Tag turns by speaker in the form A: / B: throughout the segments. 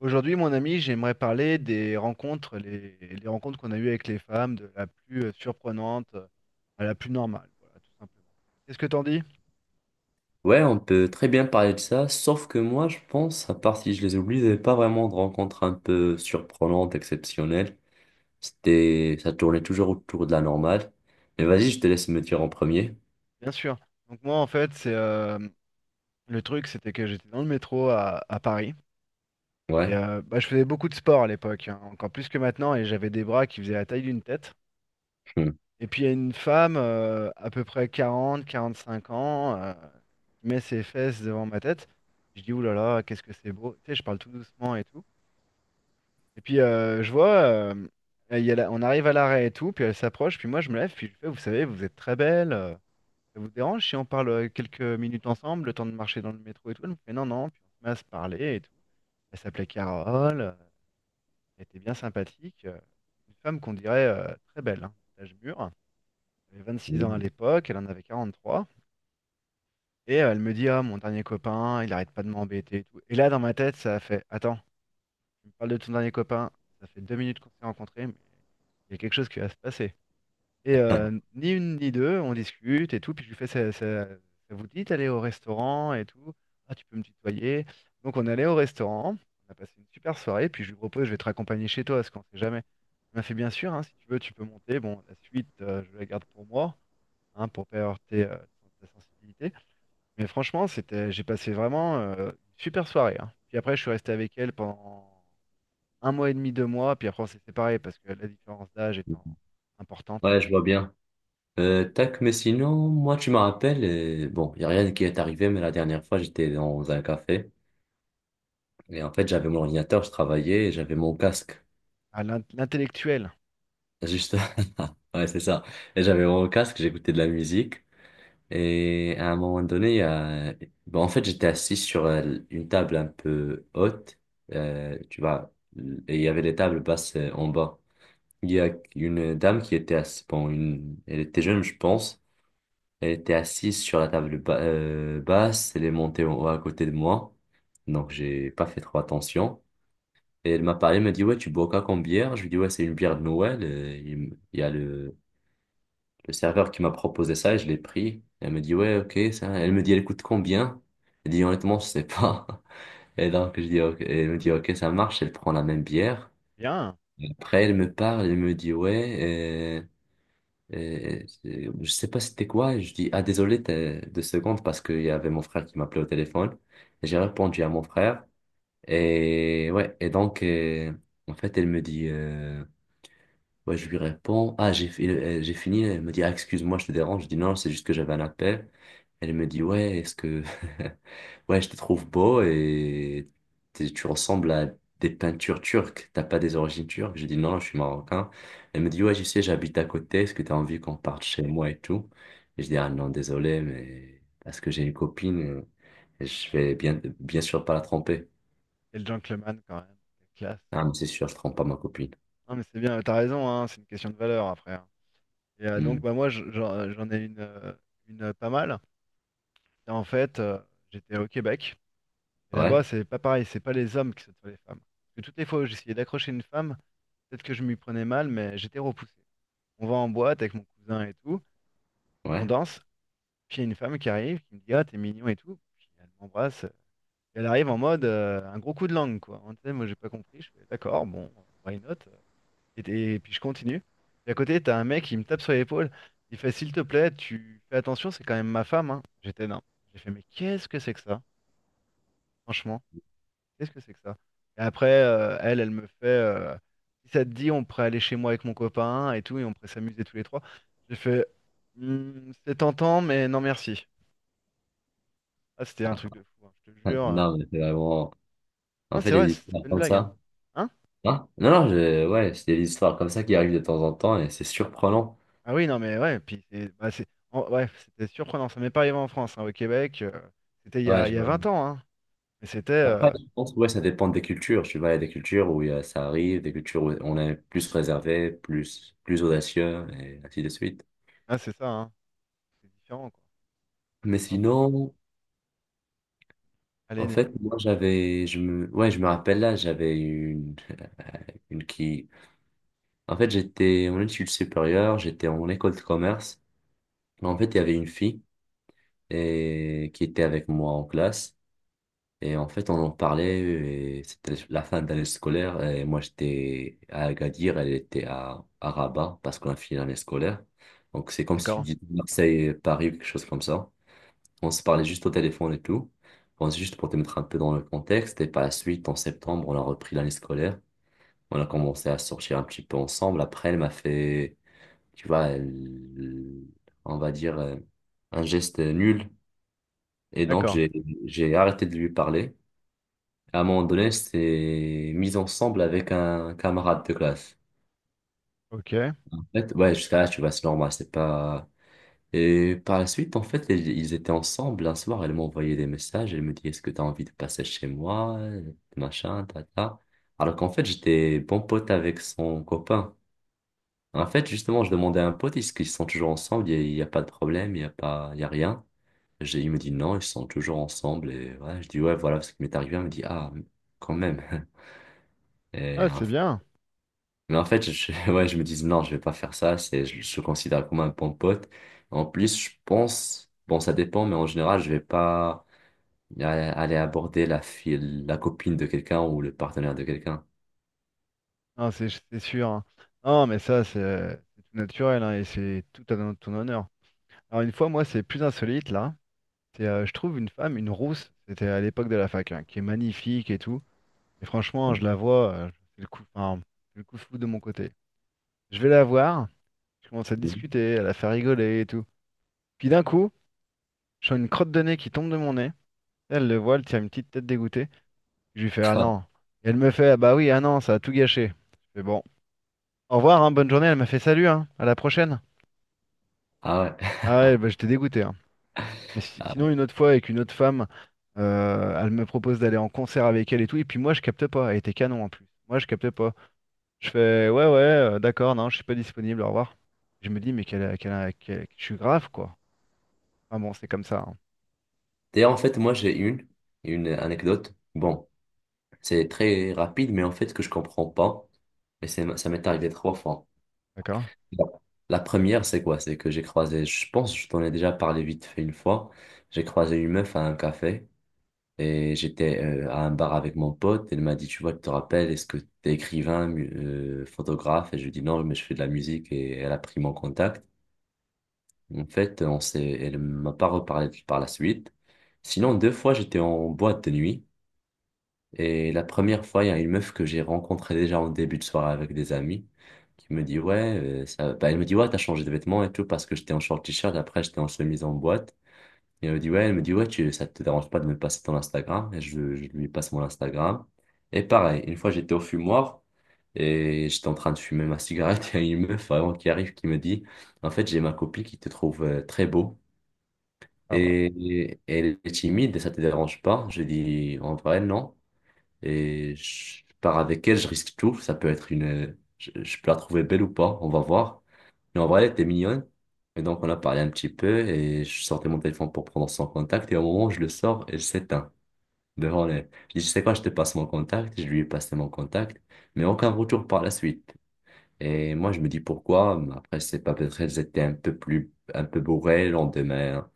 A: Aujourd'hui, mon ami, j'aimerais parler des rencontres, les rencontres qu'on a eues avec les femmes, de la plus surprenante à la plus normale, voilà, tout simplement. Qu'est-ce que t'en dis?
B: Ouais, on peut très bien parler de ça, sauf que moi, je pense, à part si je les oublie, j'avais pas vraiment de rencontres un peu surprenantes, exceptionnelles. Ça tournait toujours autour de la normale. Mais vas-y, je te laisse me dire en premier.
A: Bien sûr. Donc moi, en fait, c'est le truc, c'était que j'étais dans le métro à Paris. Et
B: Ouais.
A: bah, je faisais beaucoup de sport à l'époque, hein, encore plus que maintenant, et j'avais des bras qui faisaient la taille d'une tête.
B: Hmm.
A: Et puis il y a une femme, à peu près 40, 45 ans, qui met ses fesses devant ma tête. Je dis, ouh là là, qu'est-ce que c'est beau. Tu sais, je parle tout doucement et tout. Et puis je vois, il y a la- on arrive à l'arrêt et tout, puis elle s'approche, puis moi je me lève, puis je lui fais, vous savez, vous êtes très belle, ça vous dérange si on parle quelques minutes ensemble, le temps de marcher dans le métro et tout? Elle me fait non, non, puis on se met à se parler et tout. Elle s'appelait Carole, elle était bien sympathique, une femme qu'on dirait très belle, hein, d'âge mûr. Elle avait 26 ans à l'époque, elle en avait 43. Et elle me dit, ah, mon dernier copain, il arrête pas de m'embêter et tout. Et là, dans ma tête, ça a fait, attends. Tu me parles de ton dernier copain, ça fait 2 minutes qu'on s'est rencontrés, mais il y a quelque chose qui va se passer. Et ni une ni deux, on discute et tout, puis je lui fais, ça vous dit d'aller au restaurant et tout? Ah, tu peux me tutoyer. Donc on est allé au restaurant, on a passé une super soirée, puis je lui propose, je vais te raccompagner chez toi, parce qu'on sait jamais. Il m'a fait bien sûr, hein, si tu veux, tu peux monter. Bon, la suite, je la garde pour moi, hein, pour pas heurter ta sensibilité. Mais franchement, j'ai passé vraiment une super soirée, hein. Puis après, je suis resté avec elle pendant un mois et demi, 2 mois, puis après on s'est séparés parce que la différence d'âge étant importante.
B: Ouais, je vois bien. Tac, mais sinon, moi, tu me rappelles, bon, il a rien qui est arrivé, mais la dernière fois, j'étais dans un café. Et en fait, j'avais mon ordinateur, je travaillais, et j'avais mon casque.
A: Ah, l'intellectuel,
B: Juste, ouais, c'est ça. Et j'avais mon casque, j'écoutais de la musique. Et à un moment donné, bon, en fait, j'étais assis sur une table un peu haute, tu vois, et il y avait des tables basses en bas. Il y a une dame qui était assise, bon, elle était jeune, je pense. Elle était assise sur la table basse, elle est montée en haut à côté de moi. Donc, j'ai pas fait trop attention. Et elle m'a parlé, elle m'a dit, ouais, tu bois quoi comme bière? Je lui dis ouais, c'est une bière de Noël. Il y a le serveur qui m'a proposé ça, je l'ai pris. Elle me dit, ouais, ok, ça. Elle me dit, elle coûte combien? Elle dit, honnêtement, je sais pas. Et donc, je dis, ok, elle me dit, ok, ça marche. Elle prend la même bière.
A: bien,
B: Après, elle me parle, elle me dit, ouais, je sais pas c'était quoi. Je dis, ah, désolé, t'as deux secondes parce qu'il y avait mon frère qui m'appelait au téléphone. Et j'ai répondu à mon frère. Et ouais, et donc, en fait, elle me dit, ouais, je lui réponds, ah, j'ai fini, elle me dit, ah, excuse-moi, je te dérange. Je dis, non, c'est juste que j'avais un appel. Elle me dit, ouais, ouais, je te trouve beau et tu ressembles à des peintures turques. T'as pas des origines turques? Je dis, non, je suis marocain. Elle me dit, ouais, je sais, j'habite à côté. Est-ce que t'as envie qu'on parte chez moi et tout? Et je dis, ah, non, désolé, mais parce que j'ai une copine, et je vais bien, bien sûr pas la tromper.
A: et le gentleman quand même, quelle classe.
B: Ah, mais c'est sûr, je trompe pas ma copine.
A: Non mais c'est bien, t'as raison, hein, c'est une question de valeur après, hein. Et
B: Hmm.
A: donc bah moi j'en ai une, pas mal. Et en fait, j'étais au Québec, et là-bas
B: Ouais,
A: c'est pas pareil, c'est pas les hommes qui sautent sur les femmes. Parce que toutes les fois où j'essayais d'accrocher une femme, peut-être que je m'y prenais mal, mais j'étais repoussé. On va en boîte avec mon cousin et tout, on
B: ouais.
A: danse, puis il y a une femme qui arrive, qui me dit ah, t'es mignon et tout. Puis elle m'embrasse. Et elle arrive en mode un gros coup de langue, quoi. Hein, tu sais, moi, j'ai pas compris. Je fais d'accord, bon, why not? Et puis je continue. Et à côté, t'as un mec qui me tape sur l'épaule. Il fait, s'il te plaît, tu fais attention, c'est quand même ma femme, hein. J'étais non. J'ai fait, mais qu'est-ce que c'est que ça? Franchement, qu'est-ce que c'est que ça? Et après, elle me fait, si ça te dit, on pourrait aller chez moi avec mon copain et tout, et on pourrait s'amuser tous les trois. J'ai fait, hmm, c'est tentant, mais non merci. Ah, c'était un truc de fou, hein, je te jure.
B: Non, mais c'est vraiment. En
A: Ah,
B: fait,
A: c'est
B: il y a
A: vrai,
B: des
A: c'était
B: histoires
A: pas une
B: comme
A: blague, hein
B: ça.
A: hein.
B: Hein? Non, non, ouais, c'est des histoires comme ça qui arrivent de temps en temps et c'est surprenant.
A: Ah oui, non, mais ouais, puis c'est bah, c'est- en- ouais, c'était surprenant. Ça m'est pas arrivé en France, hein, au Québec. C'était il y
B: Ouais,
A: a, il
B: je-
A: y a 20 ans, hein. Mais c'était.
B: Après, je pense que ouais, ça dépend des cultures. Tu vois, il y a des cultures où ça arrive, des cultures où on est plus réservé, plus audacieux et ainsi de suite.
A: Ah, c'est ça, hein. C'est différent, quoi.
B: Mais
A: Ah bon.
B: sinon,
A: Allez,
B: en fait, moi, j'avais, ouais, je me rappelle là, j'avais une qui, en fait, j'étais en études supérieures, j'étais en école de commerce. En fait, il y avait une fille et qui était avec moi en classe. Et en fait, on en parlait, et c'était la fin d'année scolaire, et moi j'étais à Agadir, elle était à Rabat, parce qu'on a fini l'année scolaire. Donc c'est comme si tu
A: d'accord.
B: dis Marseille, Paris, quelque chose comme ça. On se parlait juste au téléphone et tout. Bon, c'est juste pour te mettre un peu dans le contexte, et par la suite, en septembre, on a repris l'année scolaire. On a commencé à sortir un petit peu ensemble. Après, elle m'a fait, tu vois, on va dire, un geste nul. Et donc,
A: D'accord.
B: j'ai arrêté de lui parler. À un moment donné, c'était mis ensemble avec un camarade de classe.
A: Ok.
B: En fait, ouais, jusqu'à là, tu vois, c'est normal, c'est pas... Et par la suite, en fait, ils étaient ensemble un soir, elle m'a envoyé des messages, elle me dit, est-ce que t'as envie de passer chez moi, machin, tata. Alors qu'en fait, j'étais bon pote avec son copain. En fait, justement, je demandais à un pote, est-ce qu'ils sont toujours ensemble, y a pas de problème, il n'y a pas, il y a rien. Il me dit, non, ils sont toujours ensemble, et ouais, je dis, ouais, voilà ce qui m'est arrivé, il me dit, ah, quand même. Et,
A: Ah,
B: en
A: c'est bien.
B: Mais en fait, ouais, je me dis non, je vais pas faire ça. Je le considère comme un bon pote. En plus, je pense, bon, ça dépend, mais en général, je vais pas aller aborder la fille, la copine de quelqu'un ou le partenaire de quelqu'un.
A: Non, c'est sûr, hein. Non, mais ça, c'est tout naturel, hein, et c'est tout à ton honneur. Alors, une fois, moi, c'est plus insolite, là. Je trouve une femme, une rousse, c'était à l'époque de la fac, hein, qui est magnifique et tout. Et franchement, je la vois, enfin, c'est le coup de foudre de mon côté. Je vais la voir. Je commence à
B: Mhm.
A: discuter, elle a fait rigoler et tout. Puis d'un coup, je sens une crotte de nez qui tombe de mon nez. Elle le voit, elle tire une petite tête dégoûtée. Je lui fais ah non. Et elle me fait ah bah oui, ah non, ça a tout gâché. Je fais bon, au revoir, hein, bonne journée. Elle m'a fait salut, hein, à la prochaine.
B: Ah ouais.
A: Ah ouais, bah j'étais dégoûté, hein. Mais
B: Ah.
A: sinon, une autre fois, avec une autre femme, elle me propose d'aller en concert avec elle et tout. Et puis moi, je capte pas. Elle était canon en plus. Moi, je capte pas. Je fais ouais, ouais, d'accord, non, je suis pas disponible, au revoir. Je me dis mais je suis grave, quoi. Ah bon, c'est comme ça, hein.
B: D'ailleurs, en fait, moi, j'ai une anecdote. Bon, c'est très rapide, mais en fait, que je comprends pas. Et ça m'est arrivé trois fois.
A: D'accord?
B: La la première, c'est quoi? C'est que j'ai croisé, je pense, je t'en ai déjà parlé vite fait une fois. J'ai croisé une meuf à un café et j'étais à un bar avec mon pote. Elle m'a dit, tu vois, tu te rappelles, est-ce que t'es écrivain, photographe? Et je lui ai dit, non, mais je fais de la musique et elle a pris mon contact. En fait, elle m'a pas reparlé par la suite. Sinon, deux fois, j'étais en boîte de nuit. Et la première fois, il y a une meuf que j'ai rencontrée déjà en début de soirée avec des amis qui me dit, ouais, bah, elle me dit, ouais, t'as changé de vêtements et tout parce que j'étais en short t-shirt, après j'étais en chemise en boîte. Et elle me dit, ouais, elle me dit, ouais, ça te dérange pas de me passer ton Instagram? Et je lui passe mon Instagram. Et pareil, une fois j'étais au fumoir et j'étais en train de fumer ma cigarette, il y a une meuf vraiment qui arrive qui me dit, en fait, j'ai ma copine qui te trouve très beau
A: Ah bah.
B: et elle est timide et ça te dérange pas? Je dis, en vrai, non et je pars avec elle, je risque tout. Ça peut être je peux la trouver belle ou pas, on va voir. Mais en vrai, elle était mignonne. Et donc, on a parlé un petit peu et je sortais mon téléphone pour prendre son contact. Et au moment où je le sors, elle s'éteint devant les. Je dis, tu sais quoi, je te passe mon contact. Je lui ai passé mon contact, mais aucun retour par la suite. Et moi, je me dis pourquoi. Mais après, c'est pas peut-être elles étaient un peu bourrées le lendemain, hein.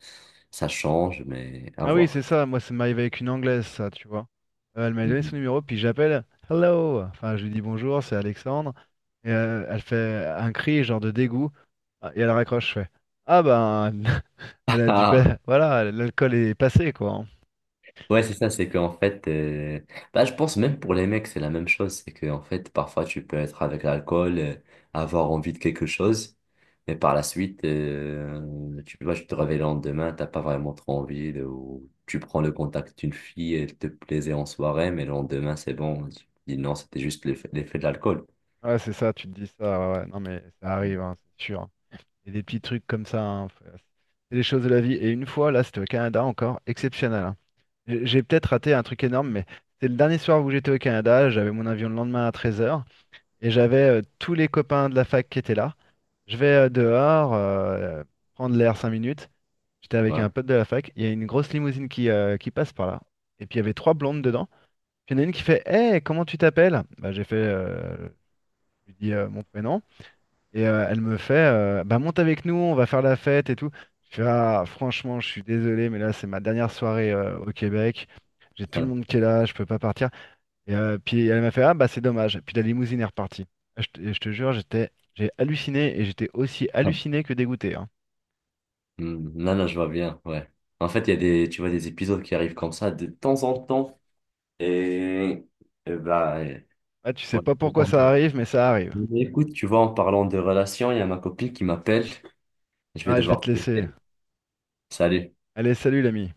B: Ça change, mais à
A: Ah oui, c'est
B: voir.
A: ça, moi ça m'arrive avec une Anglaise, ça, tu vois. Elle m'a donné son
B: Mhm.
A: numéro, puis j'appelle hello! Enfin, je lui dis bonjour, c'est Alexandre. Et elle fait un cri, genre de dégoût, ah, et elle raccroche, je fais ah ben, elle a dû pas. Voilà, l'alcool est passé, quoi, hein.
B: Ouais, c'est ça, c'est qu'en fait, bah, je pense même pour les mecs, c'est la même chose. C'est qu'en fait, parfois, tu peux être avec l'alcool, avoir envie de quelque chose, mais par la suite, tu peux pas, tu te réveilles le lendemain, t'as pas vraiment trop envie, ou tu prends le contact d'une fille, elle te plaisait en soirée, mais le lendemain, c'est bon. Tu dis non, c'était juste l'effet de l'alcool.
A: Ouais, c'est ça, tu te dis ça, ouais, ouais. Non, mais ça arrive, hein, c'est sûr. Et des petits trucs comme ça, hein, c'est les choses de la vie. Et une fois, là, c'était au Canada encore, exceptionnel, hein. J'ai peut-être raté un truc énorme, mais c'était le dernier soir où j'étais au Canada, j'avais mon avion le lendemain à 13 heures. Et j'avais tous les copains de la fac qui étaient là. Je vais dehors, prendre l'air 5 minutes. J'étais avec
B: Ouais.
A: un pote de la fac. Il y a une grosse limousine qui passe par là. Et puis il y avait trois blondes dedans. Puis il y en a une qui fait hey, comment tu t'appelles? Bah, j'ai fait, je lui dis mon prénom. Et elle me fait bah, monte avec nous, on va faire la fête et tout. Je fais ah, franchement, je suis désolé, mais là, c'est ma dernière soirée au Québec. J'ai tout le
B: Hum.
A: monde qui est là, je peux pas partir. Et puis elle m'a fait, ah bah c'est dommage. Puis la limousine est repartie. Ah, je te jure, j'étais, j'ai halluciné et j'étais aussi halluciné que dégoûté, hein.
B: Non, non, je vois bien, ouais. En fait, il y a tu vois, des épisodes qui arrivent comme ça de temps en temps. Et, et bah,
A: Ah, tu sais
B: Ouais.
A: pas pourquoi ça arrive, mais ça arrive.
B: Écoute, tu vois, en parlant de relations, il y a ma copine qui m'appelle. Je vais
A: Ah, je vais
B: devoir
A: te
B: te
A: laisser.
B: laisser. Salut.
A: Allez, salut l'ami.